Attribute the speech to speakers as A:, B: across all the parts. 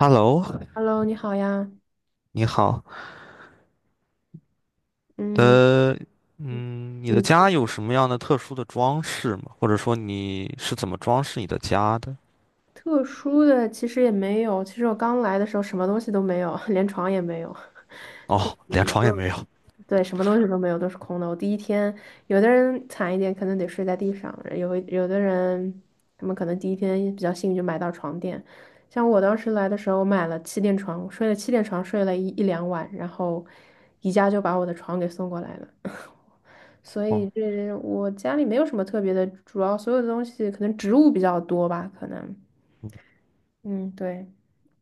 A: Hello，
B: Hello，你好呀。
A: 你好。
B: 嗯，
A: 呃，你的
B: 你
A: 家
B: 平
A: 有什么样的特殊的装饰吗？或者说你是怎么装饰你的家的？
B: 特殊的其实也没有。其实我刚来的时候什么东西都没有，连床也没有。
A: 哦，连 床也
B: 嗯。
A: 没有。
B: 对，什么东西都没有，都是空的。我第一天，有的人惨一点，可能得睡在地上；有的人，他们可能第一天比较幸运，就买到床垫。像我当时来的时候，我买了气垫床，我睡了气垫床，睡了两晚，然后宜家就把我的床给送过来了。所以
A: 哦，
B: 我家里没有什么特别的，主要所有的东西可能植物比较多吧，可能，
A: 嗯
B: 嗯，对。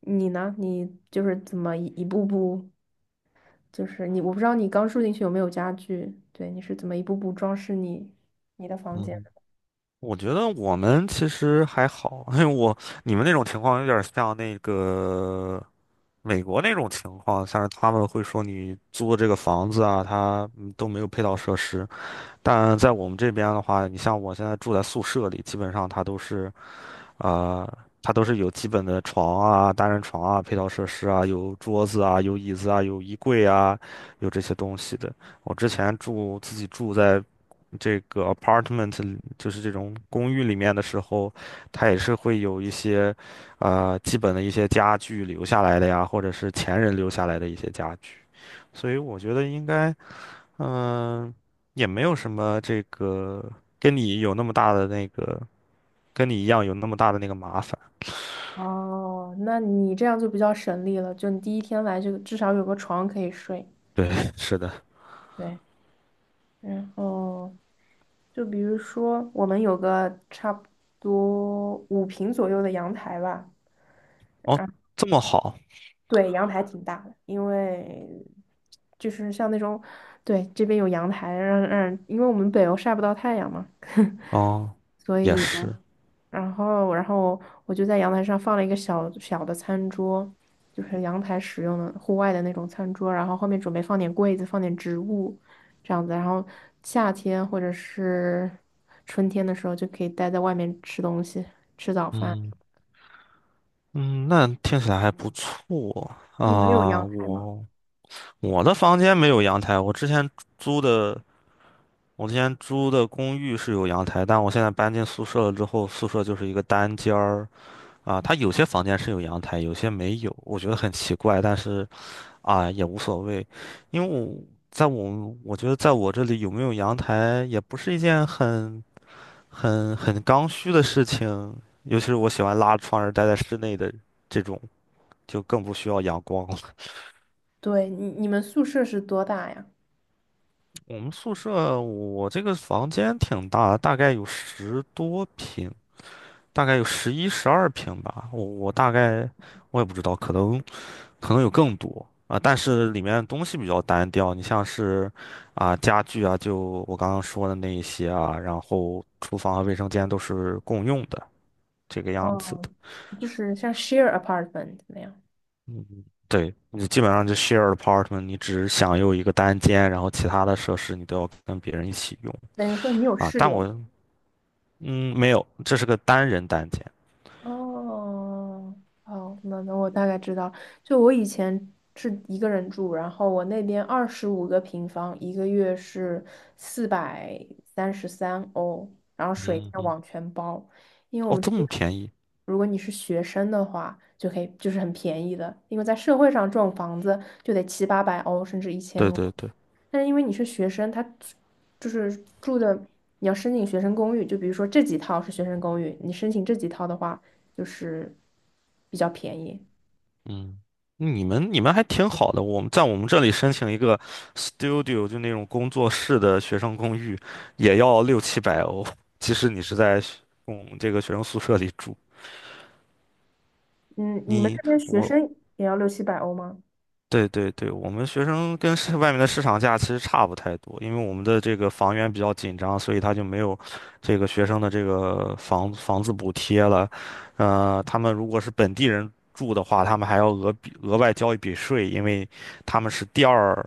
B: 你呢？你就是怎么一步步，就是你，我不知道你刚住进去有没有家具，对，你是怎么一步步装饰你的房
A: 嗯
B: 间
A: 哼，
B: 的？
A: 我觉得我们其实还好，因为你们那种情况有点像那个美国那种情况，像是他们会说你租的这个房子啊，它都没有配套设施。但在我们这边的话，你像我现在住在宿舍里，基本上它都是。啊、它都是有基本的床啊、单人床啊、配套设施啊，有桌子啊、有椅子啊、有衣柜啊，有这些东西的。我之前自己住在这个 apartment，里就是这种公寓里面的时候，它也是会有一些基本的一些家具留下来的呀，或者是前人留下来的一些家具。所以我觉得应该，嗯、也没有什么这个跟你有那么大的那个，跟你一样有那么大的那个麻烦。
B: 哦，那你这样就比较省力了，就你第一天来就至少有个床可以睡。
A: 对，是的。
B: 对，然后就比如说我们有个差不多5平左右的阳台吧。
A: 哦，这么好，
B: 对，阳台挺大的，因为就是像那种，对，这边有阳台，因为我们北欧晒不到太阳嘛，
A: 哦，
B: 所
A: 也
B: 以呢，
A: 是。
B: 然后我就在阳台上放了一个小小的餐桌，就是阳台使用的户外的那种餐桌，然后后面准备放点柜子，放点植物，这样子，然后夏天或者是春天的时候就可以待在外面吃东西，吃早饭。
A: 嗯嗯，那听起来还不错
B: 你们有
A: 啊。
B: 阳台吗？
A: 我的房间没有阳台，租的我之前租的公寓是有阳台，但我现在搬进宿舍了之后，宿舍就是一个单间儿啊。它有些房间是有阳台，有些没有，我觉得很奇怪，但是啊也无所谓，因为我觉得在我这里有没有阳台也不是一件很刚需的事情，尤其是我喜欢拉窗帘儿待在室内的这种，就更不需要阳光了。
B: 对，你们宿舍是多大呀？
A: 我们宿舍我这个房间挺大的大概有十多平，大概有11、12平吧。我大概我也不知道，可能有更多啊。但是里面东西比较单调，你像是啊家具啊，就我刚刚说的那一些啊，然后厨房和卫生间都是共用的这个样子
B: 哦，
A: 的。
B: 就是像 share apartment 那样，
A: 嗯，对，你基本上就 share apartment，你只享用一个单间，然后其他的设施你都要跟别人一起用
B: 等于说你有
A: 啊。
B: 室
A: 但我
B: 友。
A: 嗯没有，这是个单人单间。
B: 哦，哦，那我大概知道，就我以前是一个人住，然后我那边25个平方，一个月是433欧，然后水
A: 嗯
B: 电
A: 嗯，
B: 网全包，因为我
A: 哦，
B: 们这
A: 这
B: 边
A: 么便宜？
B: 如果你是学生的话，就可以就是很便宜的，因为在社会上这种房子就得七八百欧甚至1000
A: 对
B: 欧。
A: 对对，
B: 但是因为你是学生，他就是住的，你要申请学生公寓，就比如说这几套是学生公寓，你申请这几套的话，就是比较便宜。
A: 嗯，你们还挺好的。我们在我们这里申请一个 studio，就那种工作室的学生公寓，也要六七百欧。即使你是在学嗯这个学生宿舍里住，
B: 嗯，你们这
A: 你
B: 边学
A: 我
B: 生也要六七百欧吗？
A: 对对对，我们学生跟市外面的市场价其实差不太多，因为我们的这个房源比较紧张，所以他就没有这个学生的这个房子补贴了。呃，他们如果是本地人住的话，他们还要额外交一笔税，因为他们是第二，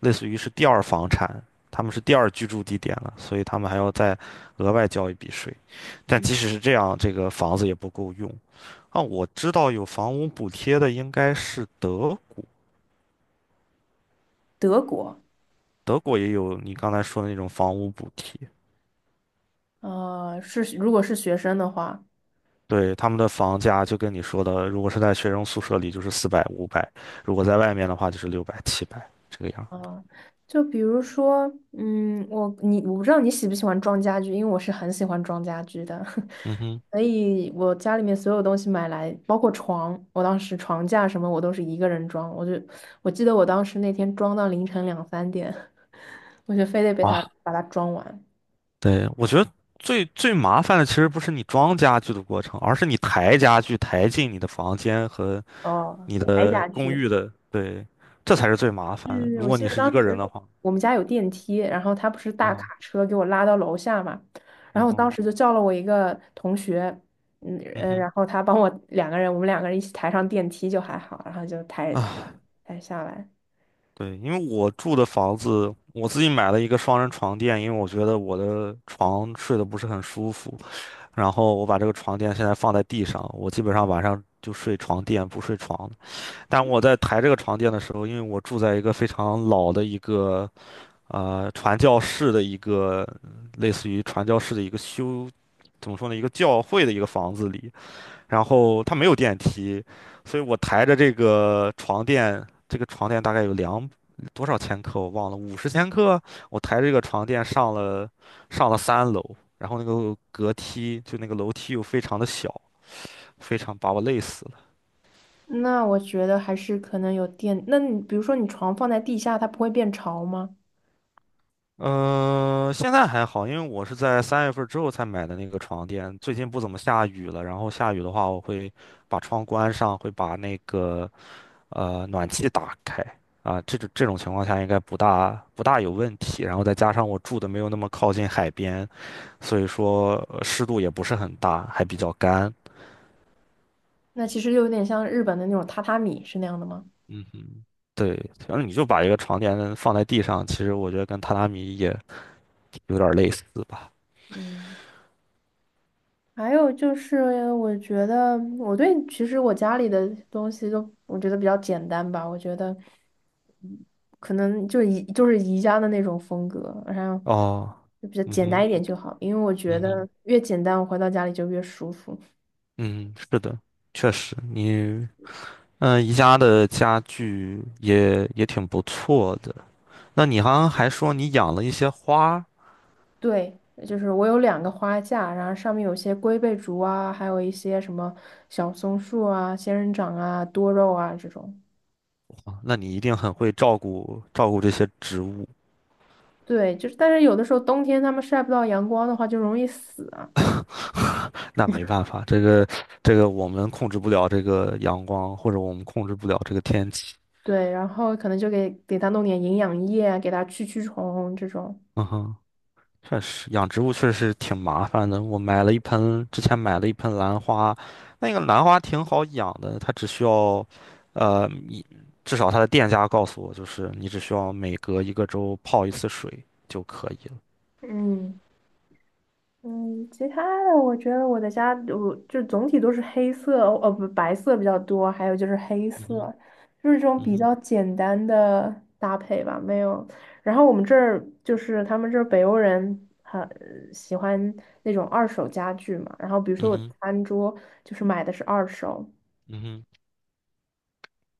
A: 类似于是第二房产，他们是第二居住地点了，所以他们还要再额外交一笔税。但即使是这样，这个房子也不够用。啊，我知道有房屋补贴的应该是德国。
B: 德国，
A: 德国也有你刚才说的那种房屋补贴，
B: 是如果是学生的话。
A: 对，他们的房价就跟你说的，如果是在学生宿舍里就是400、500，如果在外面的话就是600、700这个样。
B: 啊，就比如说，嗯，我不知道你喜不喜欢装家具，因为我是很喜欢装家具的，
A: 嗯哼，
B: 所以我家里面所有东西买来，包括床，我当时床架什么我都是一个人装，我记得我当时那天装到凌晨两三点，我就非得被他
A: 啊，
B: 把它装完。
A: 对，我觉得最最麻烦的其实不是你装家具的过程，而是你抬家具抬进你的房间和
B: 哦，
A: 你
B: 白
A: 的
B: 家
A: 公
B: 具。
A: 寓的，对，这才是最麻烦的。
B: 嗯，
A: 如
B: 我
A: 果
B: 记
A: 你
B: 得
A: 是一
B: 当
A: 个人
B: 时
A: 的话，
B: 我们家有电梯，然后他不是大
A: 哦，
B: 卡车给我拉到楼下嘛，然
A: 嗯
B: 后我当
A: 哼，
B: 时就叫了我一个同学，
A: 嗯哼。
B: 然后他帮我两个人，我们两个人一起抬上电梯就还好，然后就
A: 啊，
B: 抬下来。
A: 对，因为我住的房子，我自己买了一个双人床垫，因为我觉得我的床睡得不是很舒服，然后我把这个床垫现在放在地上，我基本上晚上就睡床垫，不睡床。但我在抬这个床垫的时候，因为我住在一个非常老的一个传教士的一个类似于传教士的一个修，怎么说呢，一个教会的一个房子里，然后它没有电梯，所以我抬着这个床垫，这个床垫大概有多少千克我忘了，50千克，我抬着这个床垫上了3楼，然后那个隔梯就那个楼梯又非常的小，非常把我累死了。
B: 那我觉得还是可能有电，那你比如说你床放在地下，它不会变潮吗？
A: 嗯、现在还好，因为我是在3月份之后才买的那个床垫，最近不怎么下雨了，然后下雨的话我会把窗关上，会把那个暖气打开啊，这种情况下应该不大有问题。然后再加上我住的没有那么靠近海边，所以说湿度也不是很大，还比较干。
B: 那其实就有点像日本的那种榻榻米是那样的吗？
A: 嗯哼，对，反正你就把一个床垫放在地上，其实我觉得跟榻榻米也有点类似吧。
B: 嗯。还有就是，我觉得我对其实我家里的东西都我觉得比较简单吧，我觉得可能就是宜家的那种风格，然后
A: 哦，
B: 就比较
A: 嗯
B: 简单
A: 哼，
B: 一点就好，因为我觉
A: 嗯
B: 得
A: 哼，
B: 越简单，我回到家里就越舒服。
A: 嗯，是的，确实，你宜家的家具也挺不错的。那你好像还说你养了一些花。
B: 对，就是我有两个花架，然后上面有些龟背竹啊，还有一些什么小松树啊、仙人掌啊、多肉啊这种。
A: 哇那你一定很会照顾照顾这些植物，
B: 对，就是但是有的时候冬天它们晒不到阳光的话，就容易死啊。
A: 那没办法，这个我们控制不了这个阳光，或者我们控制不了这个天气。
B: 对，然后可能就给它弄点营养液啊给它驱虫这种。
A: 嗯哼，确实，养植物确实挺麻烦的。我买了一盆，之前买了一盆兰花，那个兰花挺好养的，它只需要，呃，一至少它的店家告诉我，就是你只需要每隔一个周泡一次水就可以了。
B: 嗯嗯，其他的我觉得我的家我就总体都是黑色，不白色比较多，还有就是黑
A: 嗯
B: 色，
A: 哼，
B: 就是这种
A: 嗯
B: 比
A: 哼，
B: 较简单的搭配吧，没有。然后我们这儿就是他们这儿北欧人很喜欢那种二手家具嘛，然后比如说
A: 嗯
B: 我的
A: 哼，
B: 餐桌就是买的是二手。
A: 嗯哼。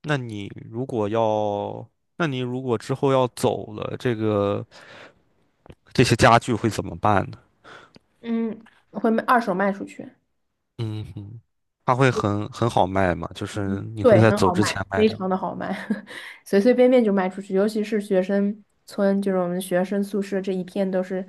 A: 那你如果要，那你如果之后要走了，这个这些家具会怎么办呢？
B: 嗯，会卖二手卖出去。
A: 嗯哼，它会很好卖吗？就是
B: 嗯
A: 你会
B: 对，
A: 在
B: 很
A: 走
B: 好
A: 之
B: 卖，
A: 前卖
B: 非
A: 掉？
B: 常的好卖，随随便便就卖出去。尤其是学生村，就是我们学生宿舍这一片都是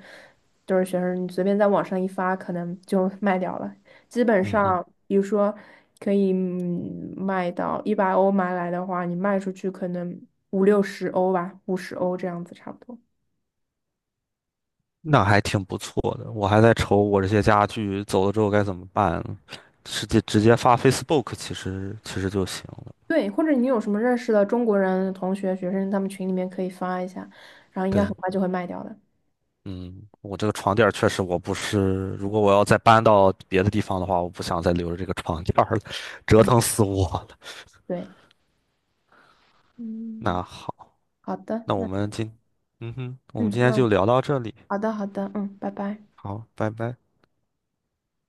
B: 都是学生，你随便在网上一发，可能就卖掉了。基本
A: 嗯哼，
B: 上，比如说可以卖到100欧买来的话，你卖出去可能五六十欧吧，50欧这样子差不多。
A: 那还挺不错的。我还在愁我这些家具走了之后该怎么办，直接发 Facebook 其实就行了。
B: 对，或者你有什么认识的中国人同学、学生，他们群里面可以发一下，然后应该很
A: 对，
B: 快就会卖掉的。
A: 嗯，我这个床垫儿确实我不是，如果我要再搬到别的地方的话，我不想再留着这个床垫儿了，折
B: 嗯，
A: 腾死我了。
B: 对，嗯，
A: 那好。
B: 好的，
A: 那我
B: 那。
A: 们今，嗯哼，我们
B: 嗯，
A: 今天
B: 那
A: 就聊到这里，
B: 好的好的，嗯，拜拜。
A: 好，拜拜。